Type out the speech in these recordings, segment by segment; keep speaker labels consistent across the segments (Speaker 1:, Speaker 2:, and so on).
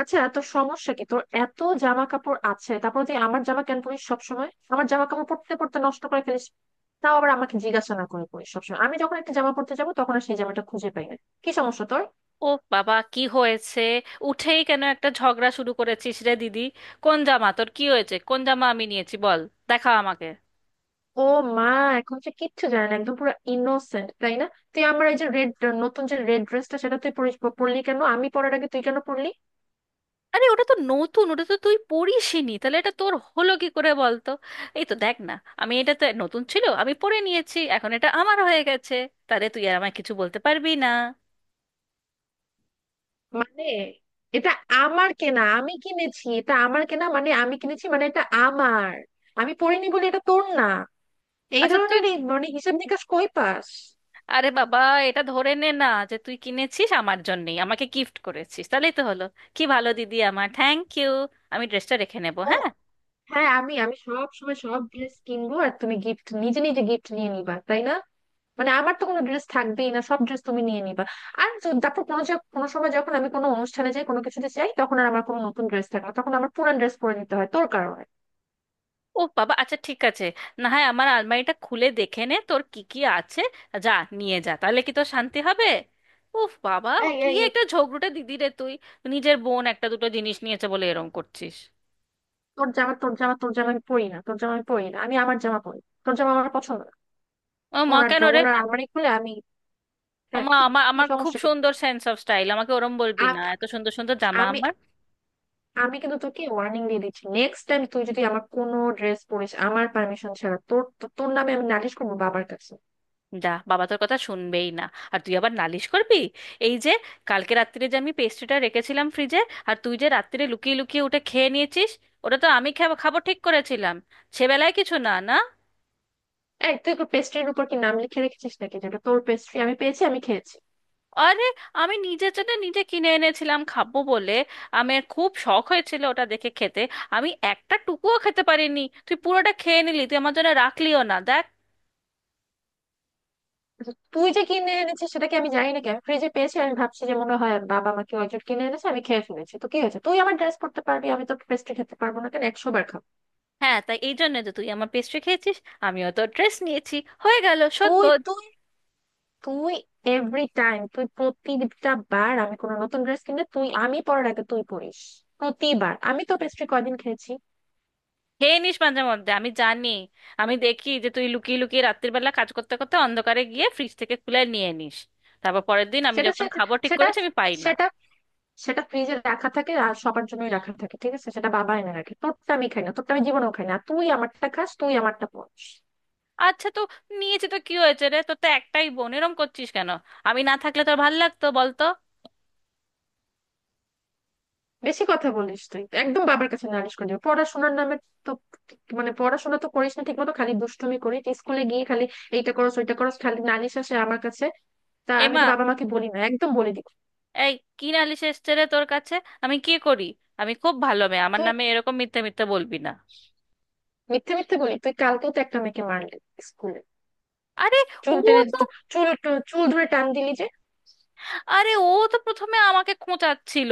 Speaker 1: আচ্ছা, তোর সমস্যা কি? তোর এত জামা কাপড় আছে, তারপর তুই আমার জামা কেন পরিস? সবসময় আমার জামা কাপড় পরতে পরতে নষ্ট করে ফেলিস। তাও আবার আমাকে জিজ্ঞাসা না করে পরিস। সবসময় আমি যখন একটা জামা পরতে যাবো তখন আর সেই জামাটা খুঁজে পাই না। কি সমস্যা তোর?
Speaker 2: ও বাবা, কি হয়েছে? উঠেই কেন একটা ঝগড়া শুরু করেছিস রে দিদি? কোন জামা? তোর কি হয়েছে? কোন জামা আমি নিয়েছি বল, দেখা আমাকে।
Speaker 1: ও মা, এখন সে কিচ্ছু জানে না, একদম পুরো ইনোসেন্ট, তাই না? তুই আমার এই যে রেড নতুন যে রেড ড্রেসটা সেটা তুই পরলি কেন? আমি পরার আগে তুই কেন পরলি?
Speaker 2: আরে ওটা তো নতুন, ওটা তো তুই পরিসনি, তাহলে এটা তোর হলো কি করে বল তো। এই তো দেখ না, আমি এটা তো নতুন ছিল, আমি পরে নিয়েছি, এখন এটা আমার হয়ে গেছে। তাহলে তুই আর আমায় কিছু বলতে পারবি না।
Speaker 1: মানে, এটা আমার কেনা, আমি কিনেছি, এটা আমার কেনা মানে আমি কিনেছি মানে এটা আমার। আমি পরিনি বলে এটা তোর না। এই
Speaker 2: আচ্ছা তুই,
Speaker 1: ধরনের এই মানে হিসাব নিকাশ কই পাস?
Speaker 2: আরে বাবা, এটা ধরে নে না, যে তুই কিনেছিস আমার জন্যই, আমাকে গিফট করেছিস, তাহলেই তো হলো। কি ভালো দিদি আমার, থ্যাংক ইউ। আমি ড্রেসটা রেখে নেবো,
Speaker 1: ও,
Speaker 2: হ্যাঁ।
Speaker 1: হ্যাঁ, আমি আমি সব সময় সব ড্রেস কিনবো আর তুমি নিজে নিজে গিফট নিয়ে নিবা, তাই না? মানে আমার তো কোনো ড্রেস থাকবেই না, সব ড্রেস তুমি নিয়ে নিবা। আর তারপর কোনো কোনো সময় যখন আমি কোনো অনুষ্ঠানে যাই কোনো কিছুতে যাই তখন আর আমার কোনো নতুন ড্রেস থাকে না, তখন আমার পুরান ড্রেস পরে নিতে হয় তোর কারণে।
Speaker 2: ও বাবা, আচ্ছা ঠিক আছে, না হয় আমার আলমারিটা খুলে দেখে নে তোর কি কি আছে, যা নিয়ে যা, তাহলে কি তোর শান্তি হবে? উফ বাবা,
Speaker 1: এই,
Speaker 2: কি
Speaker 1: এই, এই!
Speaker 2: একটা ঝগড়ুটে দিদি রে তুই, নিজের বোন একটা দুটো জিনিস নিয়েছে বলে এরম করছিস।
Speaker 1: তোর জামা তোর জামা তোর জামা আমি পরি না, তোর জামা আমি পরি না, আমি আমার জামা পরি। তোর জামা আমার পছন্দ না।
Speaker 2: ও মা,
Speaker 1: ওনার
Speaker 2: কেন রে?
Speaker 1: ওনার আলমারি খুলে আমি।
Speaker 2: ও
Speaker 1: হ্যাঁ,
Speaker 2: মা,
Speaker 1: কি?
Speaker 2: আমার
Speaker 1: কি
Speaker 2: আমার খুব
Speaker 1: সমস্যা কি?
Speaker 2: সুন্দর সেন্স অফ স্টাইল, আমাকে ওরম বলবি না,
Speaker 1: আ-
Speaker 2: এত সুন্দর সুন্দর জামা
Speaker 1: আমি
Speaker 2: আমার।
Speaker 1: আমি কিন্তু তোকে ওয়ার্নিং দিয়ে দিচ্ছি, নেক্সট টাইম তুই যদি আমার কোনো ড্রেস পরিস আমার পারমিশন ছাড়া, তোর নামে আমি নালিশ করবো বাবার কাছে।
Speaker 2: যা বাবা, তোর কথা শুনবেই না, আর তুই আবার নালিশ করবি। এই যে কালকে রাত্রিরে যে আমি পেস্ট্রিটা রেখেছিলাম ফ্রিজে, আর তুই যে রাত্রিরে লুকিয়ে লুকিয়ে ওটা খেয়ে নিয়েছিস, ওটা তো আমি খাবো খাবো ঠিক করেছিলাম, সেবেলায় কিছু না না।
Speaker 1: এই, তুই কি পেস্ট্রির উপর কি নাম লিখে রেখেছিস নাকি? যেটা তোর পেস্ট্রি, আমি পেয়েছি আমি খেয়েছি।
Speaker 2: আরে আমি নিজের জন্য নিজে কিনে এনেছিলাম খাবো বলে, আমার খুব শখ হয়েছিল ওটা দেখে খেতে, আমি একটা টুকুও খেতে পারিনি, তুই পুরোটা খেয়ে নিলি, তুই আমার জন্য রাখলিও না দেখ।
Speaker 1: কিন্তু তুই যে কিনে এনেছিস সেটা কি আমি জানি নাকি? আমি ফ্রিজে পেয়েছি, আমি ভাবছি যে মনে হয় বাবা আমাকে অর্জন কিনে এনেছে, আমি খেয়ে ফেলেছি। তো কি হয়েছে? তুই আমার ড্রেস পরতে পারবি, আমি তো পেস্ট্রি খেতে পারবো না কেন? একশো বার খাবো।
Speaker 2: হ্যাঁ তাই, এই জন্য যে তুই আমার পেস্ট্রি খেয়েছিস আমিও তো ড্রেস নিয়েছি, হয়ে গেল শোধ।
Speaker 1: তুই তুই তুই এভরি টাইম, তুই প্রতিটা বার আমি কোনো নতুন ড্রেস কিনলে, তুই আমি পরার আগে তুই পরিস। প্রতিবার আমি তো পেস্ট্রি কয়দিন খেয়েছি?
Speaker 2: খেয়ে নিস মাঝে মধ্যে আমি জানি, আমি দেখি যে তুই লুকিয়ে লুকিয়ে রাত্রির বেলা কাজ করতে করতে অন্ধকারে গিয়ে ফ্রিজ থেকে খুলে নিয়ে নিস, তারপর পরের দিন আমি
Speaker 1: সেটা
Speaker 2: যখন
Speaker 1: সে-
Speaker 2: খাবো ঠিক
Speaker 1: সেটা
Speaker 2: করেছি আমি পাই না।
Speaker 1: সেটা সেটা ফ্রিজে রাখা থাকে আর সবার জন্যই রাখা থাকে, ঠিক আছে? সেটা বাবা এনে রাখে, তোরটা আমি খাই না, তোরটা আমি জীবনেও খাই না। আর তুই আমারটা খাস, তুই আমারটা পড়িস।
Speaker 2: আচ্ছা তো নিয়েছি তো কি হয়েছে রে, তোর তো একটাই বোন, এরম করছিস কেন? আমি না থাকলে তোর ভাল লাগতো বলতো?
Speaker 1: বেশি কথা বলিস তুই, একদম বাবার কাছে নালিশ করে দিবি। পড়াশোনার নামে, তো মানে, পড়াশোনা তো করিস না ঠিক মতো, খালি দুষ্টুমি করিস স্কুলে গিয়ে। খালি এইটা করস ওইটা করস, খালি নালিশ আসে আমার কাছে। তা আমি
Speaker 2: এমা,
Speaker 1: তো বাবা মাকে বলি না, একদম বলে দিই।
Speaker 2: এই কি নালিশ এসছে রে তোর কাছে? আমি কি করি? আমি খুব ভালো মেয়ে, আমার
Speaker 1: তুই
Speaker 2: নামে এরকম মিথ্যে মিথ্যে বলবি না।
Speaker 1: মিথ্যে মিথ্যে বলি? তুই কালকেও তো একটা মেয়েকে মারলি স্কুলে,
Speaker 2: আরে
Speaker 1: চুল
Speaker 2: ও
Speaker 1: টেনে।
Speaker 2: তো
Speaker 1: চুল চুল ধরে টান দিলি যে।
Speaker 2: আরে ও তো প্রথমে আমাকে খোঁচাচ্ছিল,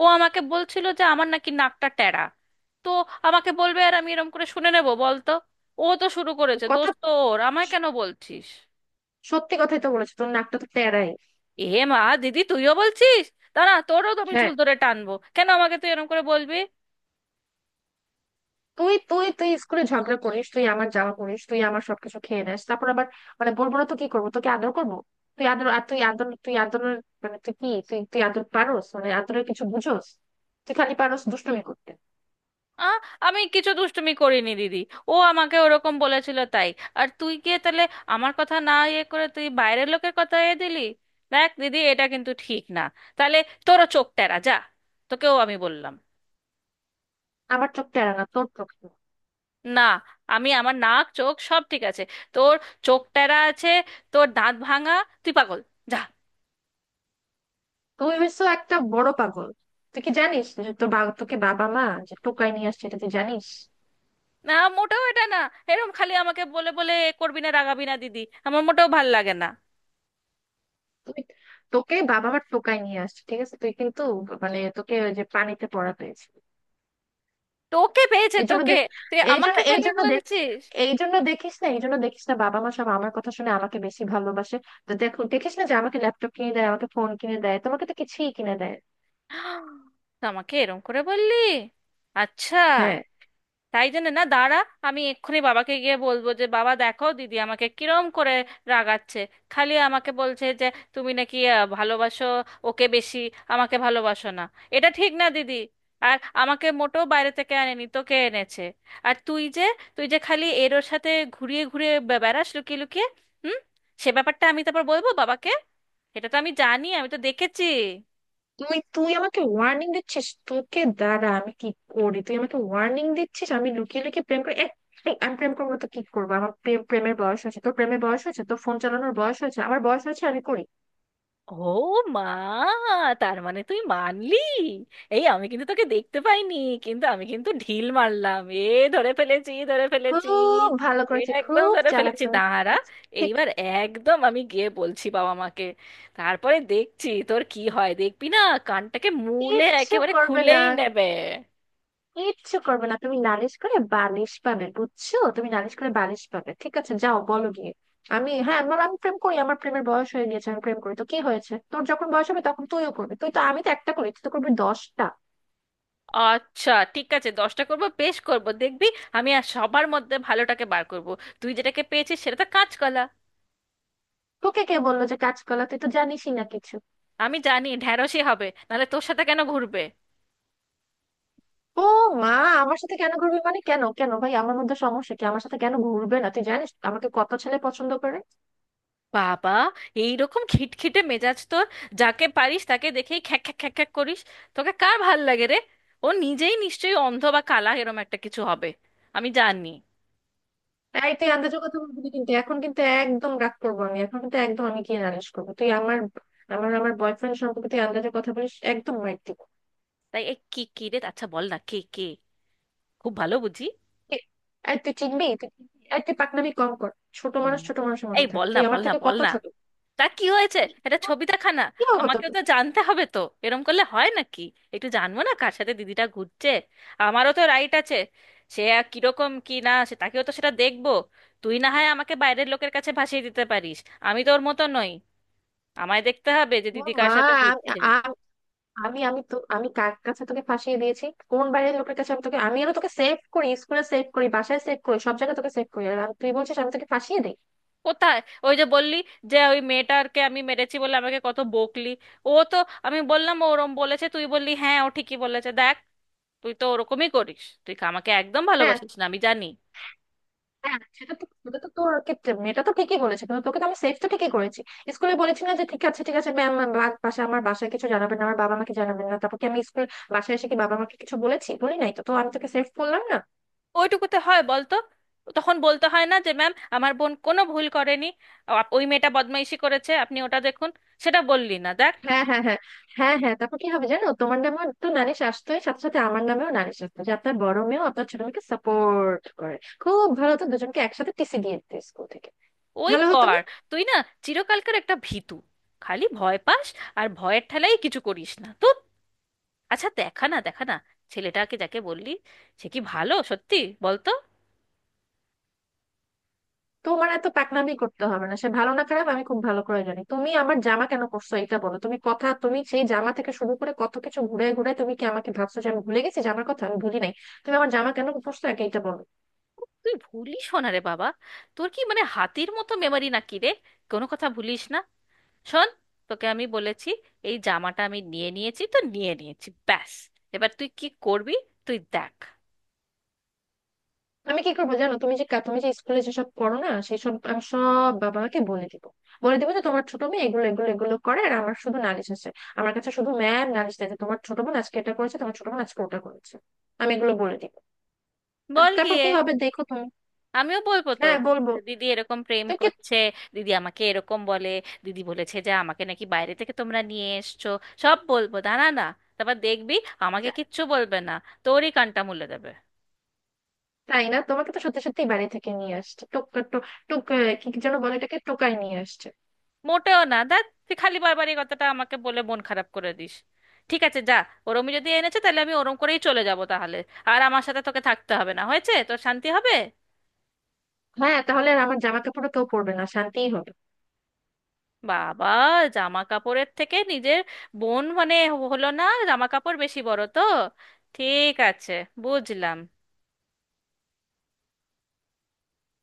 Speaker 2: ও আমাকে বলছিল যে আমার নাকি নাকটা টেরা, তো আমাকে বলবে আর আমি এরম করে শুনে নেব বলতো? ও তো শুরু করেছে,
Speaker 1: কথা
Speaker 2: দোষ তো ওর, আমায় কেন বলছিস?
Speaker 1: সত্যি কথাই তো বলেছো, তোর নাকটা তো তেড়াই।
Speaker 2: এ মা দিদি, তুইও বলছিস? দাঁড়া, তোরও তো আমি
Speaker 1: হ্যাঁ,
Speaker 2: চুল ধরে টানবো, কেন আমাকে তুই এরম করে বলবি?
Speaker 1: তুই তুই তুই স্কুলে ঝগড়া করিস, তুই আমার জামা করিস, তুই আমার সবকিছু খেয়ে নেস, তারপর আবার মানে বলবো না তো কি করবো? তোকে আদর করবো? তুই আদর, আর তুই আদর, তুই আদরের মানে তুই কি? তুই তুই আদর পারোস? মানে আদরের কিছু বুঝোস? তুই খালি পারোস দুষ্টুমি করতে।
Speaker 2: আ আমি কিছু দুষ্টুমি করিনি দিদি, ও আমাকে ওরকম বলেছিল তাই, আর তুই গিয়ে তাহলে আমার কথা না ইয়ে করে তুই বাইরের লোকের কথা এ দিলি। দেখ দিদি, এটা কিন্তু ঠিক না। তাহলে তোরও চোখ টেরা, যা, তোকেও আমি বললাম।
Speaker 1: আমার চোখ টেরা না, তোর চোখ টেরা।
Speaker 2: না, আমি আমার নাক চোখ সব ঠিক আছে, তোর চোখ টেরা আছে, তোর দাঁত ভাঙা, তুই পাগল, যা।
Speaker 1: তুই হচ্ছে একটা বড় পাগল। তুই কি জানিস যে তোকে বাবা মা যে টোকাই নিয়ে আসছে, এটা তুই জানিস?
Speaker 2: না, মোটেও এটা না, এরম খালি আমাকে বলে বলে এ করবি না, রাগাবি না দিদি, আমার মোটেও ভাল লাগে না।
Speaker 1: তুই তোকে বাবা মা টোকাই নিয়ে আসছে, ঠিক আছে? তুই কিন্তু, মানে, তোকে ওই যে পানিতে পড়া পেয়েছে।
Speaker 2: তোকে পেয়েছে,
Speaker 1: এই জন্য
Speaker 2: তোকে।
Speaker 1: দেখ,
Speaker 2: তুই
Speaker 1: এই জন্য
Speaker 2: আমাকে
Speaker 1: এই
Speaker 2: খালি
Speaker 1: জন্য দেখ,
Speaker 2: বলছিস,
Speaker 1: এই জন্য দেখিস না, এই জন্য দেখিস না, বাবা মা সব আমার কথা শুনে আমাকে বেশি ভালোবাসে। তো দেখো, দেখিস না যে আমাকে ল্যাপটপ কিনে দেয়, আমাকে ফোন কিনে দেয়, তোমাকে তো কিছুই কিনে দেয়?
Speaker 2: তা আমাকে এরম করে বললি? আচ্ছা,
Speaker 1: হ্যাঁ,
Speaker 2: তাই জন্য না দাঁড়া, আমি এক্ষুনি বাবাকে গিয়ে বলবো যে বাবা দেখো দিদি আমাকে কিরম করে রাগাচ্ছে, খালি আমাকে বলছে যে তুমি নাকি ভালোবাসো ওকে বেশি, আমাকে ভালোবাসো না। এটা ঠিক না দিদি। আর আমাকে মোটেও বাইরে থেকে আনেনি, তোকে এনেছে। আর তুই যে, তুই যে খালি এর ওর সাথে ঘুরিয়ে ঘুরিয়ে বেড়াস লুকিয়ে লুকিয়ে, হুম, সে ব্যাপারটা আমি তারপর বলবো বাবাকে, এটা তো আমি জানি, আমি তো দেখেছি।
Speaker 1: তুই তুই আমাকে ওয়ার্নিং দিচ্ছিস? তোকে দাঁড়া, আমি কি করি? তুই আমাকে ওয়ার্নিং দিচ্ছিস আমি লুকিয়ে লুকিয়ে প্রেম করি? এই, আমি প্রেম করবো তো কি করবো? আমার প্রেমের বয়স হয়েছে, তোর প্রেমের বয়স হয়েছে? তোর ফোন চালানোর বয়স হয়েছে, আমার বয়স হয়েছে, আমি করি।
Speaker 2: ও মা, তার মানে তুই মানলি? এই আমি কিন্তু তোকে দেখতে পাইনি, কিন্তু আমি কিন্তু ঢিল মারলাম এ, ধরে ফেলেছি ধরে ফেলেছি!
Speaker 1: খুব ভালো
Speaker 2: এ
Speaker 1: করেছে,
Speaker 2: একদম
Speaker 1: খুব
Speaker 2: ধরে
Speaker 1: চালাক
Speaker 2: ফেলেছি,
Speaker 1: তুমি।
Speaker 2: দাঁড়া
Speaker 1: ঠিক।
Speaker 2: এইবার, একদম আমি গিয়ে বলছি বাবা মাকে, তারপরে দেখছি তোর কি হয়, দেখবি না, কানটাকে মূলে
Speaker 1: কিচ্ছু
Speaker 2: একেবারে
Speaker 1: করবে না,
Speaker 2: খুলেই নেবে।
Speaker 1: কিচ্ছু করবে না, তুমি নালিশ করে বালিশ পাবে বুঝছো? তুমি নালিশ করে বালিশ পাবে। ঠিক আছে, যাও, বলো গিয়ে। হ্যাঁ, আমি প্রেম করি, আমার প্রেমের বয়স হয়ে গেছে, আমি প্রেম করি, তো কি হয়েছে? তোর যখন বয়স হবে তখন তুইও করবি। তুই তো আমি তো একটা করি, তুই তো করবি দশটা।
Speaker 2: আচ্ছা ঠিক আছে, দশটা করব, বেশ করব, দেখবি, আমি আর সবার মধ্যে ভালোটাকে বার করব, তুই যেটাকে পেয়েছিস সেটা তো কাঁচকলা।
Speaker 1: তোকে কে বললো যে কাজ কলা? তুই তো জানিসই না কিছু।
Speaker 2: আমি জানি ঢ্যাঁড়শই হবে, নাহলে তোর সাথে কেন ঘুরবে?
Speaker 1: ও মা, আমার সাথে কেন ঘুরবি মানে? কেন, কেন ভাই, আমার মধ্যে সমস্যা কি? আমার সাথে কেন ঘুরবে না? তুই জানিস আমাকে কত ছেলে পছন্দ করে?
Speaker 2: বাবা, এইরকম খিটখিটে মেজাজ তোর, যাকে পারিস তাকে দেখেই খ্যাক খ্যাক খ্যাক খ্যাক করিস, তোকে কার ভাল লাগে রে? ও নিজেই নিশ্চয়ই অন্ধ বা কালা এরম একটা কিছু হবে, আমি জানি।
Speaker 1: এই, তুই আন্দাজের কথা বলবি না কিন্তু, এখন কিন্তু একদম রাগ করবো আমি, এখন কিন্তু একদম আমি কি নালিশ করবো। তুই আমার আমার আমার বয়ফ্রেন্ড সম্পর্কে তুই আন্দাজের কথা বলিস, একদম মাইর দিব।
Speaker 2: তাই এ কি কি রে, আচ্ছা বল না, কে কে, খুব ভালো বুঝি।
Speaker 1: আর তুই চিনবি? তুই চিনবি? এই, তুই পাকনামি কম কর, ছোট
Speaker 2: হুম।
Speaker 1: মানুষ ছোট মানুষের মতো
Speaker 2: এই
Speaker 1: থাক,
Speaker 2: বল না,
Speaker 1: তুই আমার
Speaker 2: বল না,
Speaker 1: থেকে
Speaker 2: বল
Speaker 1: কত
Speaker 2: না,
Speaker 1: ছোট।
Speaker 2: তা কি হয়েছে?
Speaker 1: কি
Speaker 2: এটা ছবি দেখা না,
Speaker 1: কি হবো
Speaker 2: আমাকেও
Speaker 1: তোকে।
Speaker 2: তো জানতে হবে তো, এরম করলে হয় নাকি, একটু জানবো না কার সাথে দিদিটা ঘুরছে, আমারও তো রাইট আছে, সে আর কিরকম কি না সে, তাকেও তো সেটা দেখবো। তুই না হয় আমাকে বাইরের লোকের কাছে ভাসিয়ে দিতে পারিস, আমি তো ওর মতো নই, আমায় দেখতে হবে যে
Speaker 1: ও
Speaker 2: দিদি
Speaker 1: মা,
Speaker 2: কার সাথে
Speaker 1: আমি
Speaker 2: ঘুরছে।
Speaker 1: আ- আমি আমি তো আমি কার কাছে তোকে ফাঁসিয়ে দিয়েছি? কোন বাইরের লোকের কাছে? আমি আরো তোকে সেভ করি, স্কুলে সেভ করি, বাসায় সেভ করি, সব জায়গায় তোকে সেভ করি। আর তুই বলছিস আমি তোকে ফাঁসিয়ে দিই?
Speaker 2: কোথায়? ওই যে বললি যে ওই মেয়েটাকে আমি মেরেছি বলে আমাকে কত বকলি, ও তো, আমি বললাম ও ওরম বলেছে, তুই বললি হ্যাঁ ও ঠিকই বলেছে দেখ, তুই তো ওরকমই করিস, তুই আমাকে একদম
Speaker 1: হ্যাঁ,
Speaker 2: ভালোবাসিস না আমি জানি।
Speaker 1: হ্যাঁ, সেটা তো তোর ক্ষেত্রে মেয়েটা তো ঠিকই বলেছে, কিন্তু তোকে তো আমি সেফ তো ঠিকই করেছি। স্কুলে বলেছি না যে ঠিক আছে, ঠিক আছে ম্যাম, আমার বাসায় কিছু জানাবেন না, আমার বাবা মাকে জানাবেন না? তারপর কি আমি বাসায় এসে কি বাবা মাকে কিছু বলেছি? বলি নাই তো তো আমি তোকে সেফ বললাম না?
Speaker 2: ওইটুকুতে হয় বলতো? তখন বলতে হয় না যে ম্যাম আমার বোন কোনো ভুল করেনি, ওই মেয়েটা বদমাইশি করেছে, আপনি ওটা দেখুন, সেটা বললি না দেখ।
Speaker 1: হ্যাঁ, হ্যাঁ, হ্যাঁ, হ্যাঁ, হ্যাঁ, তারপর কি হবে জানো? তোমার নামেও তো নালিশ আসতোই, সাথে সাথে আমার নামেও নালিশ আসতো যে আপনার বড় মেয়েও আপনার ছোট মেয়েকে সাপোর্ট করে। খুব ভালো, তো দুজনকে একসাথে টিসি দিয়ে দিত স্কুল থেকে,
Speaker 2: ওই
Speaker 1: ভালো হতো না?
Speaker 2: কর, তুই না চিরকালকার একটা ভীতু, খালি ভয় পাস, আর ভয়ের ঠেলাই কিছু করিস না তো। আচ্ছা দেখা না, দেখা না, ছেলেটাকে যাকে বললি, সে কি ভালো সত্যি বলতো?
Speaker 1: তোমার এত পাকনামি করতে হবে না, সে ভালো না খারাপ আমি খুব ভালো করে জানি। তুমি আমার জামা কেন করছো এটা বলো। তুমি সেই জামা থেকে শুরু করে কত কিছু ঘুরে ঘুরে, তুমি কি আমাকে ভাবছো যে আমি ভুলে গেছি জামার কথা? আমি ভুলি নাই। তুমি আমার জামা কেন করছো, একে এটা বলো।
Speaker 2: তুই ভুলিস না রে বাবা, তোর কি মানে হাতির মতো মেমারি নাকি রে, কোনো কথা ভুলিস না। শোন, তোকে আমি বলেছি, এই জামাটা আমি নিয়ে নিয়েছি তো নিয়ে নিয়েছি, ব্যাস, এবার তুই কি করবি তুই দেখ।
Speaker 1: আমি কি করবো জানো? তুমি যে স্কুলে যেসব করো না, সেই সব আমি সব বাবা মাকে বলে দিব, বলে দিব যে তোমার ছোট মেয়ে এগুলো এগুলো এগুলো করে, আর আমার শুধু নালিশ আছে। আমার কাছে শুধু ম্যাম নালিশ দেয় যে তোমার ছোট বোন আজকে এটা করেছে, তোমার ছোট বোন আজকে ওটা করেছে। আমি এগুলো বলে দিব,
Speaker 2: বল
Speaker 1: তারপর
Speaker 2: গিয়ে,
Speaker 1: কি হবে দেখো তুমি।
Speaker 2: আমিও বলবো তো,
Speaker 1: হ্যাঁ, বলবো,
Speaker 2: দিদি এরকম প্রেম
Speaker 1: তো কি?
Speaker 2: করছে, দিদি আমাকে এরকম বলে, দিদি বলেছে যে আমাকে নাকি বাইরে থেকে তোমরা নিয়ে এসছো, সব বলবো দাঁড়া না, তারপর দেখবি, আমাকে কিচ্ছু বলবে না, তোরই কানটা মুলে দেবে।
Speaker 1: তাই না, তোমাকে তো সত্যি সত্যি বাড়ি থেকে নিয়ে আসছে। টোক টো- টোক আহ, কি যেন বলে এটাকে, টোকাই নিয়ে আসছে।
Speaker 2: মোটেও না দেখ, তুই খালি বারবার এই কথাটা আমাকে বলে মন খারাপ করে দিস। ঠিক আছে যা, ওরমই যদি এনেছে তাহলে আমি ওরম করেই চলে যাব তাহলে, আর আমার সাথে তোকে থাকতে হবে না, হয়েছে, তোর শান্তি হবে।
Speaker 1: হ্যাঁ, তাহলে আর আমার জামা কাপড়ও কেউ পরবে না, শান্তিই হবে।
Speaker 2: বাবা, জামা কাপড়ের থেকে নিজের বোন মানে হলো না, জামা কাপড় বেশি বড় তো। ঠিক আছে, বুঝলাম।